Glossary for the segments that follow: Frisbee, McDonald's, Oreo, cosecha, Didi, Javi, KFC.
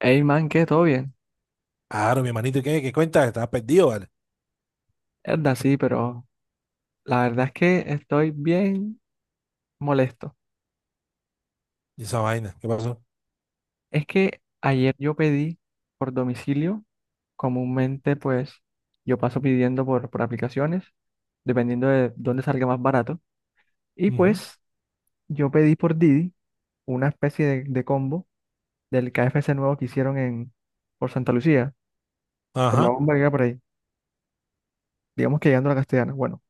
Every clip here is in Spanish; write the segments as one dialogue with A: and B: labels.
A: Hey man, ¿qué? ¿Todo bien?
B: Claro, mi hermanito, ¿y qué cuenta? Estaba perdido, ¿vale?
A: Verdad, sí, pero la verdad es que estoy bien molesto.
B: Y esa vaina, ¿qué pasó?
A: Es que ayer yo pedí por domicilio, comúnmente pues yo paso pidiendo por aplicaciones, dependiendo de dónde salga más barato. Y
B: Ujú.
A: pues yo pedí por Didi una especie de combo del KFC nuevo que hicieron en, por Santa Lucía, por la
B: Ajá,
A: bomba que era por ahí, digamos que llegando a la Castellana. Bueno,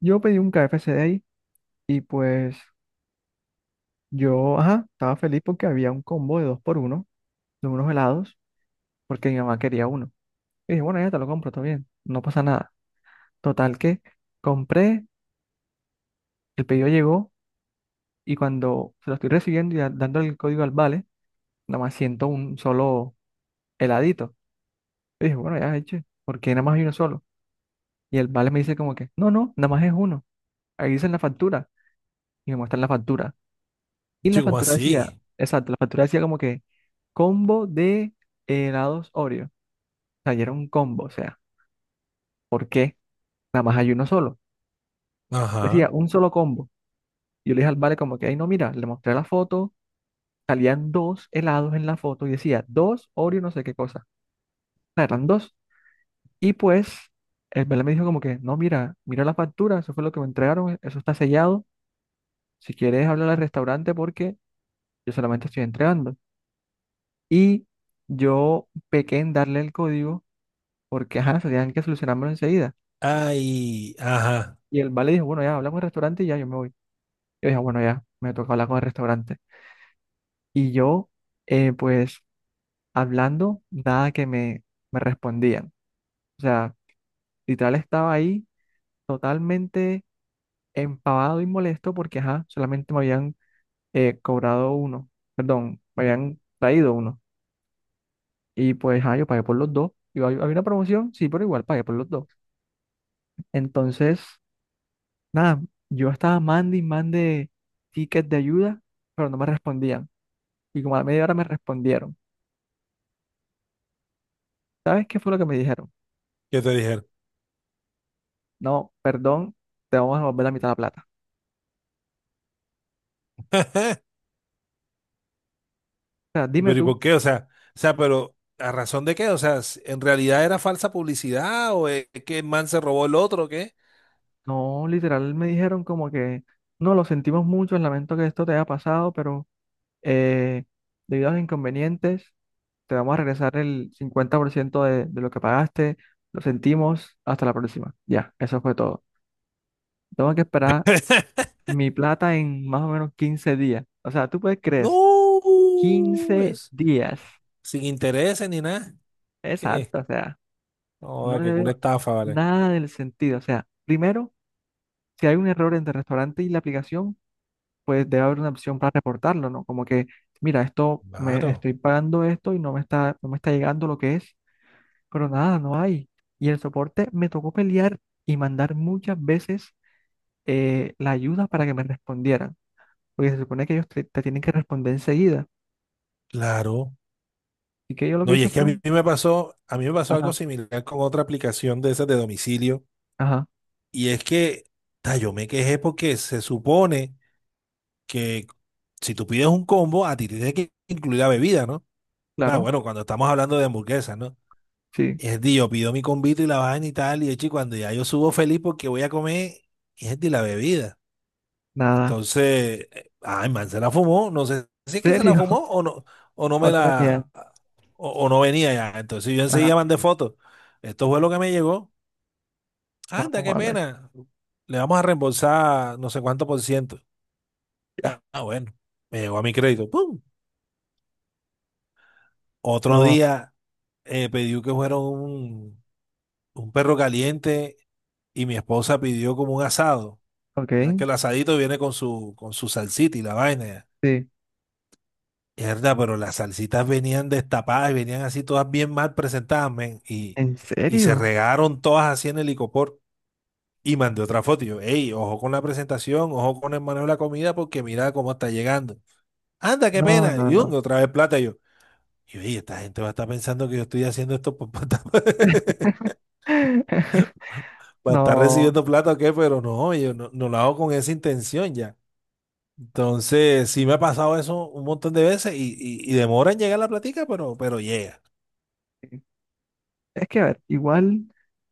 A: yo pedí un KFC de ahí y pues yo, ajá, estaba feliz porque había un combo de dos por uno de unos helados, porque mi mamá quería uno. Y dije, bueno, ya te lo compro, todo bien, no pasa nada. Total que compré, el pedido llegó y cuando se lo estoy recibiendo y dando el código al vale, nada más siento un solo heladito. Y dije, bueno, ya eche, porque nada más hay uno solo. Y el vale me dice como que, no, no, nada más es uno. Ahí dice en la factura y me muestran la factura. Y la
B: llegó
A: factura decía,
B: así.
A: exacto, la factura decía como que combo de helados Oreo. O sea, y era un combo, o sea. ¿Por qué? Nada más hay uno solo.
B: Ajá.
A: Decía, un solo combo. Y yo le dije al vale como que, ay, no, mira, le mostré la foto, salían dos helados en la foto y decía, dos Oreo no sé qué cosa. O sea, eran dos. Y pues, el vale me dijo como que, no, mira, mira la factura, eso fue lo que me entregaron, eso está sellado. Si quieres, hablar al restaurante porque yo solamente estoy entregando. Y yo pequé en darle el código porque, ajá, se tenían que solucionármelo enseguida.
B: Ay, ajá.
A: Y el vale dijo, bueno, ya, hablamos al restaurante y ya yo me voy. Yo dije, bueno, ya, me toca hablar con el restaurante. Y yo, pues hablando, nada que me respondían. O sea, literal estaba ahí totalmente empavado y molesto porque, ajá, solamente me habían cobrado uno, perdón, me habían traído uno. Y pues, ajá, yo pagué por los dos. Y había una promoción, sí, pero igual pagué por los dos. Entonces, nada, yo estaba mande y mande tickets de ayuda, pero no me respondían. Y como a la media hora me respondieron. ¿Sabes qué fue lo que me dijeron?
B: ¿Qué te dijeron?
A: No, perdón, te vamos a devolver la mitad de la plata. O sea,
B: ¿Y
A: dime
B: pero y
A: tú,
B: por qué? O sea, pero ¿a razón de qué? O sea, ¿en realidad era falsa publicidad o es que el man se robó el otro o qué?
A: no, literal me dijeron como que, no, lo sentimos mucho, lamento que esto te haya pasado, pero eh, debido a los inconvenientes, te vamos a regresar el 50% de lo que pagaste, lo sentimos, hasta la próxima. Ya, eso fue todo. Tengo que esperar mi plata en más o menos 15 días. O sea, tú puedes creer, eso,
B: No,
A: 15
B: es
A: días.
B: sin intereses ni nada. Eh,
A: Exacto, o sea, no
B: no,
A: le
B: qué culo
A: veo
B: estafa, ¿vale?
A: nada del sentido. O sea, primero, si hay un error entre el restaurante y la aplicación, pues debe haber una opción para reportarlo, ¿no? Como que, mira, esto me
B: Claro,
A: estoy pagando esto y no me está llegando lo que es, pero nada, no hay. Y el soporte me tocó pelear y mandar muchas veces la ayuda para que me respondieran, porque se supone que ellos te tienen que responder enseguida.
B: claro.
A: Y que yo lo que
B: No, y
A: hice
B: es que a
A: fue,
B: mí me pasó, a mí me pasó algo
A: ajá,
B: similar con otra aplicación de esas de domicilio.
A: ajá,
B: Y es que, yo me quejé porque se supone que si tú pides un combo, a ti te tiene que incluir la bebida, ¿no? Está
A: claro,
B: bueno, cuando estamos hablando de hamburguesas, ¿no?
A: sí,
B: Es de yo pido mi combito y la vaina y tal, y de hecho, cuando ya yo subo feliz porque voy a comer, es de la bebida.
A: nada,
B: Entonces, ay, man, se la fumó. No sé si es que se la
A: serio,
B: fumó o no, o no me
A: ahora venía,
B: la, o no venía ya. Entonces yo
A: ajá,
B: enseguida mandé fotos. Esto fue lo que me llegó.
A: no,
B: Anda, qué
A: a ver,
B: pena. Le vamos a reembolsar no sé cuánto por ciento.
A: ya,
B: Ya, ah, bueno, me llegó a mi crédito. ¡Pum! Otro
A: no,
B: día pedí que fuera un perro caliente y mi esposa pidió como un asado.
A: ok,
B: O sea, que el asadito viene con su salsita y la vaina.
A: sí,
B: Mierda, pero las salsitas venían destapadas y venían así todas bien mal presentadas, men. Y,
A: en
B: y se
A: serio,
B: regaron todas así en el licopor. Y mandé otra foto. Y yo, ey, ojo con la presentación, ojo con el manejo de la comida, porque mira cómo está llegando. Anda, qué
A: no,
B: pena.
A: no,
B: Y
A: no.
B: otra vez plata. Y yo, ey, esta gente va a estar pensando que yo estoy haciendo esto para estar
A: No,
B: recibiendo plata o qué, pero no, yo no lo hago con esa intención ya. Entonces, sí me ha pasado eso un montón de veces y demora en llegar la platica, pero llega.
A: es que, a ver, igual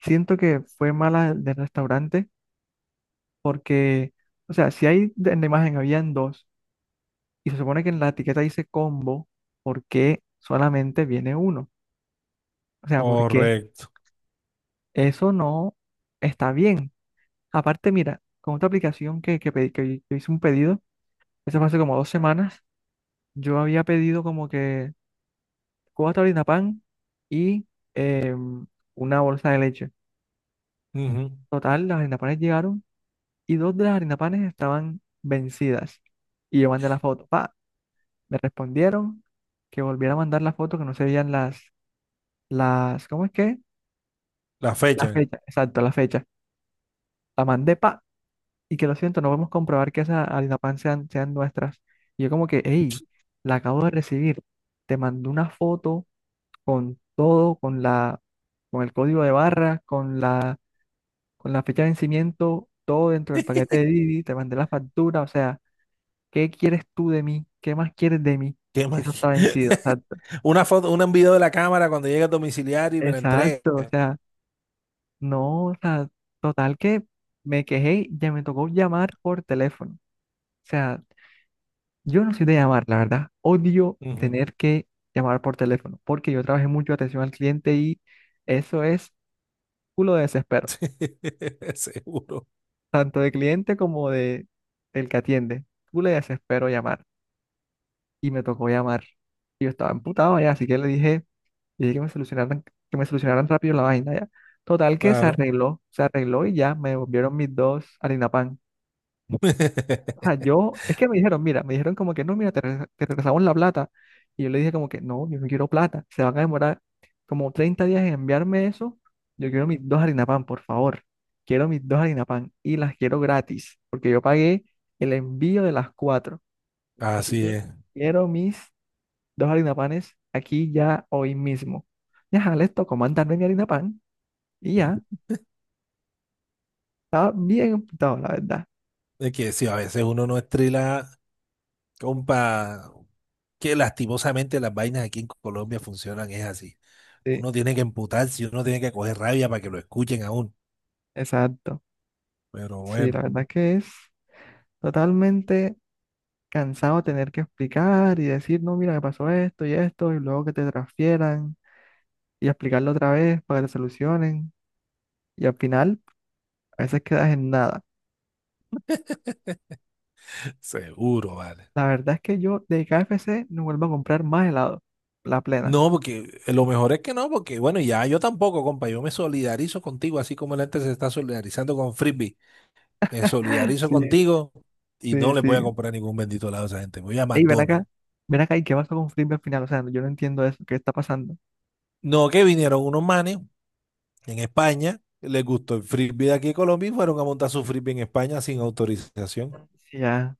A: siento que fue mala del restaurante porque, o sea, si hay en la imagen habían dos y se supone que en la etiqueta dice combo, ¿por qué solamente viene uno? O sea, ¿por qué?
B: Correcto.
A: Eso no está bien. Aparte, mira, con otra aplicación que yo hice un pedido, eso fue hace como 2 semanas, yo había pedido como que cuatro harina y una bolsa de leche.
B: Ujú.
A: Total, las harina llegaron y dos de las harinapanes estaban vencidas. Y yo mandé la foto. Pa, me respondieron que volviera a mandar la foto, que no se veían las, ¿cómo es que?
B: La
A: La
B: fecha.
A: fecha, exacto, la fecha. La mandé, pa, y que lo siento, no podemos comprobar que esas harinapan sean nuestras. Y yo como que, hey, la acabo de recibir. Te mandé una foto con todo, con el código de barra, con la fecha de vencimiento, todo dentro del paquete de Didi, te mandé la factura. O sea, ¿qué quieres tú de mí? ¿Qué más quieres de mí?
B: ¿Qué
A: Si tú está
B: más?
A: vencido. Exacto.
B: Una foto, un video de la cámara cuando llega el domiciliario y me la entrega.
A: Exacto. O sea, no, o sea, total que me quejé, y ya me tocó llamar por teléfono. O sea, yo no soy de llamar, la verdad. Odio
B: Ujú.
A: tener que llamar por teléfono porque yo trabajé mucho atención al cliente y eso es culo de desespero.
B: Seguro.
A: Tanto de cliente como de el que atiende. Culo de desespero llamar. Y me tocó llamar. Y yo estaba emputado ya, así que le dije. Y que me solucionaran rápido la vaina, ya. Total que
B: Claro.
A: se arregló y ya me devolvieron mis dos harinapan. O sea, yo, es que me dijeron, mira, me dijeron como que no, mira, te regresamos la plata. Y yo le dije como que no, yo no quiero plata, se van a demorar como 30 días en enviarme eso. Yo quiero mis dos harina pan por favor. Quiero mis dos harina pan y las quiero gratis, porque yo pagué el envío de las cuatro. Así
B: Así
A: que
B: es.
A: quiero mis dos harina panes aquí ya hoy mismo. Ya, les tocó mandarme mi harina pan. Y ya, estaba bien apuntado, la verdad.
B: Es que sí, a veces uno no estrila, compa, que lastimosamente las vainas aquí en Colombia funcionan, es así.
A: Sí,
B: Uno tiene que emputarse, uno tiene que coger rabia para que lo escuchen aún.
A: exacto.
B: Pero
A: Sí,
B: bueno,
A: la verdad que es totalmente cansado tener que explicar y decir, no, mira, me pasó esto y esto, y luego que te transfieran y explicarlo otra vez para que te solucionen. Y al final, a veces quedas en nada.
B: seguro, vale.
A: La verdad es que yo de KFC no vuelvo a comprar más helado, la plena.
B: No, porque lo mejor es que no, porque bueno, ya yo tampoco, compa, yo me solidarizo contigo, así como la gente se está solidarizando con Frisbee, me solidarizo
A: Sí,
B: contigo y no
A: sí,
B: les voy
A: sí.
B: a comprar ningún bendito lado a esa gente, voy a
A: Ey,
B: McDonald's.
A: ven acá, ¿y qué pasó con Frisbee al final? O sea, yo no entiendo eso, ¿qué está pasando?
B: No, que vinieron unos manes en España, les gustó el Frisbee de aquí de Colombia y fueron a montar su Frisbee en España sin autorización.
A: Sí, ya,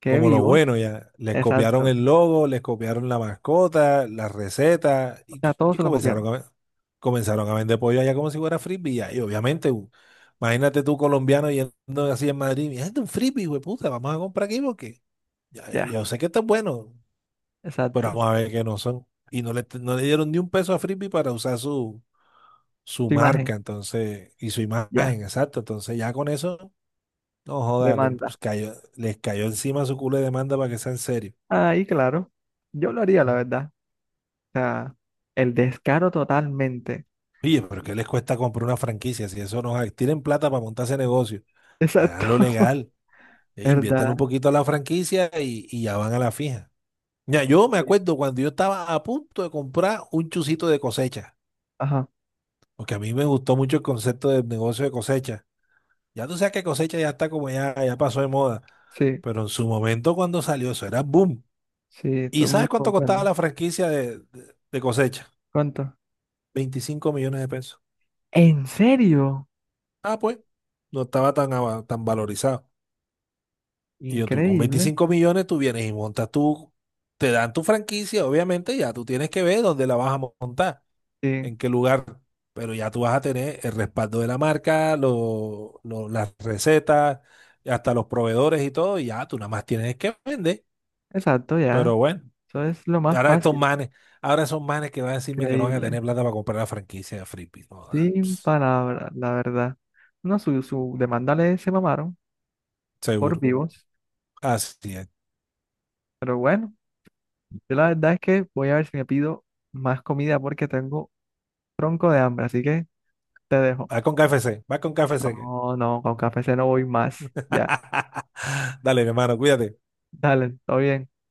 A: qué
B: Como los
A: vivos.
B: buenos ya. Les copiaron
A: Exacto.
B: el logo, les copiaron la mascota, la receta
A: O
B: y,
A: sea, todos
B: y
A: se lo copiaron.
B: comenzaron a, ve- comenzaron a vender pollo allá como si fuera frisbee. Ya. Y obviamente, imagínate tú colombiano yendo así en Madrid. Mira, este es un frisbee, güey, puta, vamos a comprar aquí porque ya,
A: Ya.
B: yo sé que está bueno, pero
A: Exacto.
B: vamos a ver que no son. Y no le dieron ni un peso a frisbee para usar su
A: Tu imagen,
B: marca, entonces, y su
A: ya,
B: imagen, exacto. Entonces ya con eso, no joda, les
A: demanda.
B: cayó, les cayó encima su culo de demanda para que sea en serio.
A: Ahí, claro, yo lo haría, la verdad. O sea, el descaro totalmente.
B: Oye, pero ¿qué les cuesta comprar una franquicia? Si eso no es, tienen plata para montar ese negocio,
A: Exacto.
B: háganlo legal, inviértanle un
A: ¿Verdad?
B: poquito a la franquicia y ya van a la fija. Ya, yo me
A: Sí.
B: acuerdo cuando yo estaba a punto de comprar un chucito de cosecha,
A: Ajá,
B: porque a mí me gustó mucho el concepto del negocio de cosecha. Ya tú sabes que cosecha ya está como ya pasó de moda,
A: sí,
B: pero en su momento cuando salió eso era boom.
A: sí,
B: ¿Y
A: todo el
B: sabes
A: mundo
B: cuánto costaba
A: comprende.
B: la franquicia de cosecha?
A: ¿Cuánto?
B: 25 millones de pesos.
A: ¿En serio?
B: Ah, pues, no estaba tan valorizado. Y yo, tú con
A: Increíble.
B: 25 millones, tú vienes y montas tú, te dan tu franquicia, obviamente, ya tú tienes que ver dónde la vas a montar,
A: Sí,
B: en qué lugar, pero ya tú vas a tener el respaldo de la marca, las recetas, hasta los proveedores y todo, y ya tú nada más tienes que vender.
A: exacto, ya.
B: Pero bueno,
A: Eso es lo
B: y
A: más
B: ahora estos
A: fácil.
B: manes, ahora son manes que van a decirme que no van a
A: Increíble.
B: tener plata para comprar la franquicia de Frisbee. No, da,
A: Sin
B: ps,
A: palabras, la verdad. No, su demanda le se mamaron por
B: seguro.
A: vivos,
B: Así es.
A: pero bueno. Yo la verdad es que voy a ver si me pido más comida porque tengo tronco de hambre, así que te dejo.
B: Va con KFC, va con KFC.
A: No, no, con café se no voy más. Ya,
B: Dale, mi hermano, cuídate.
A: dale, todo bien.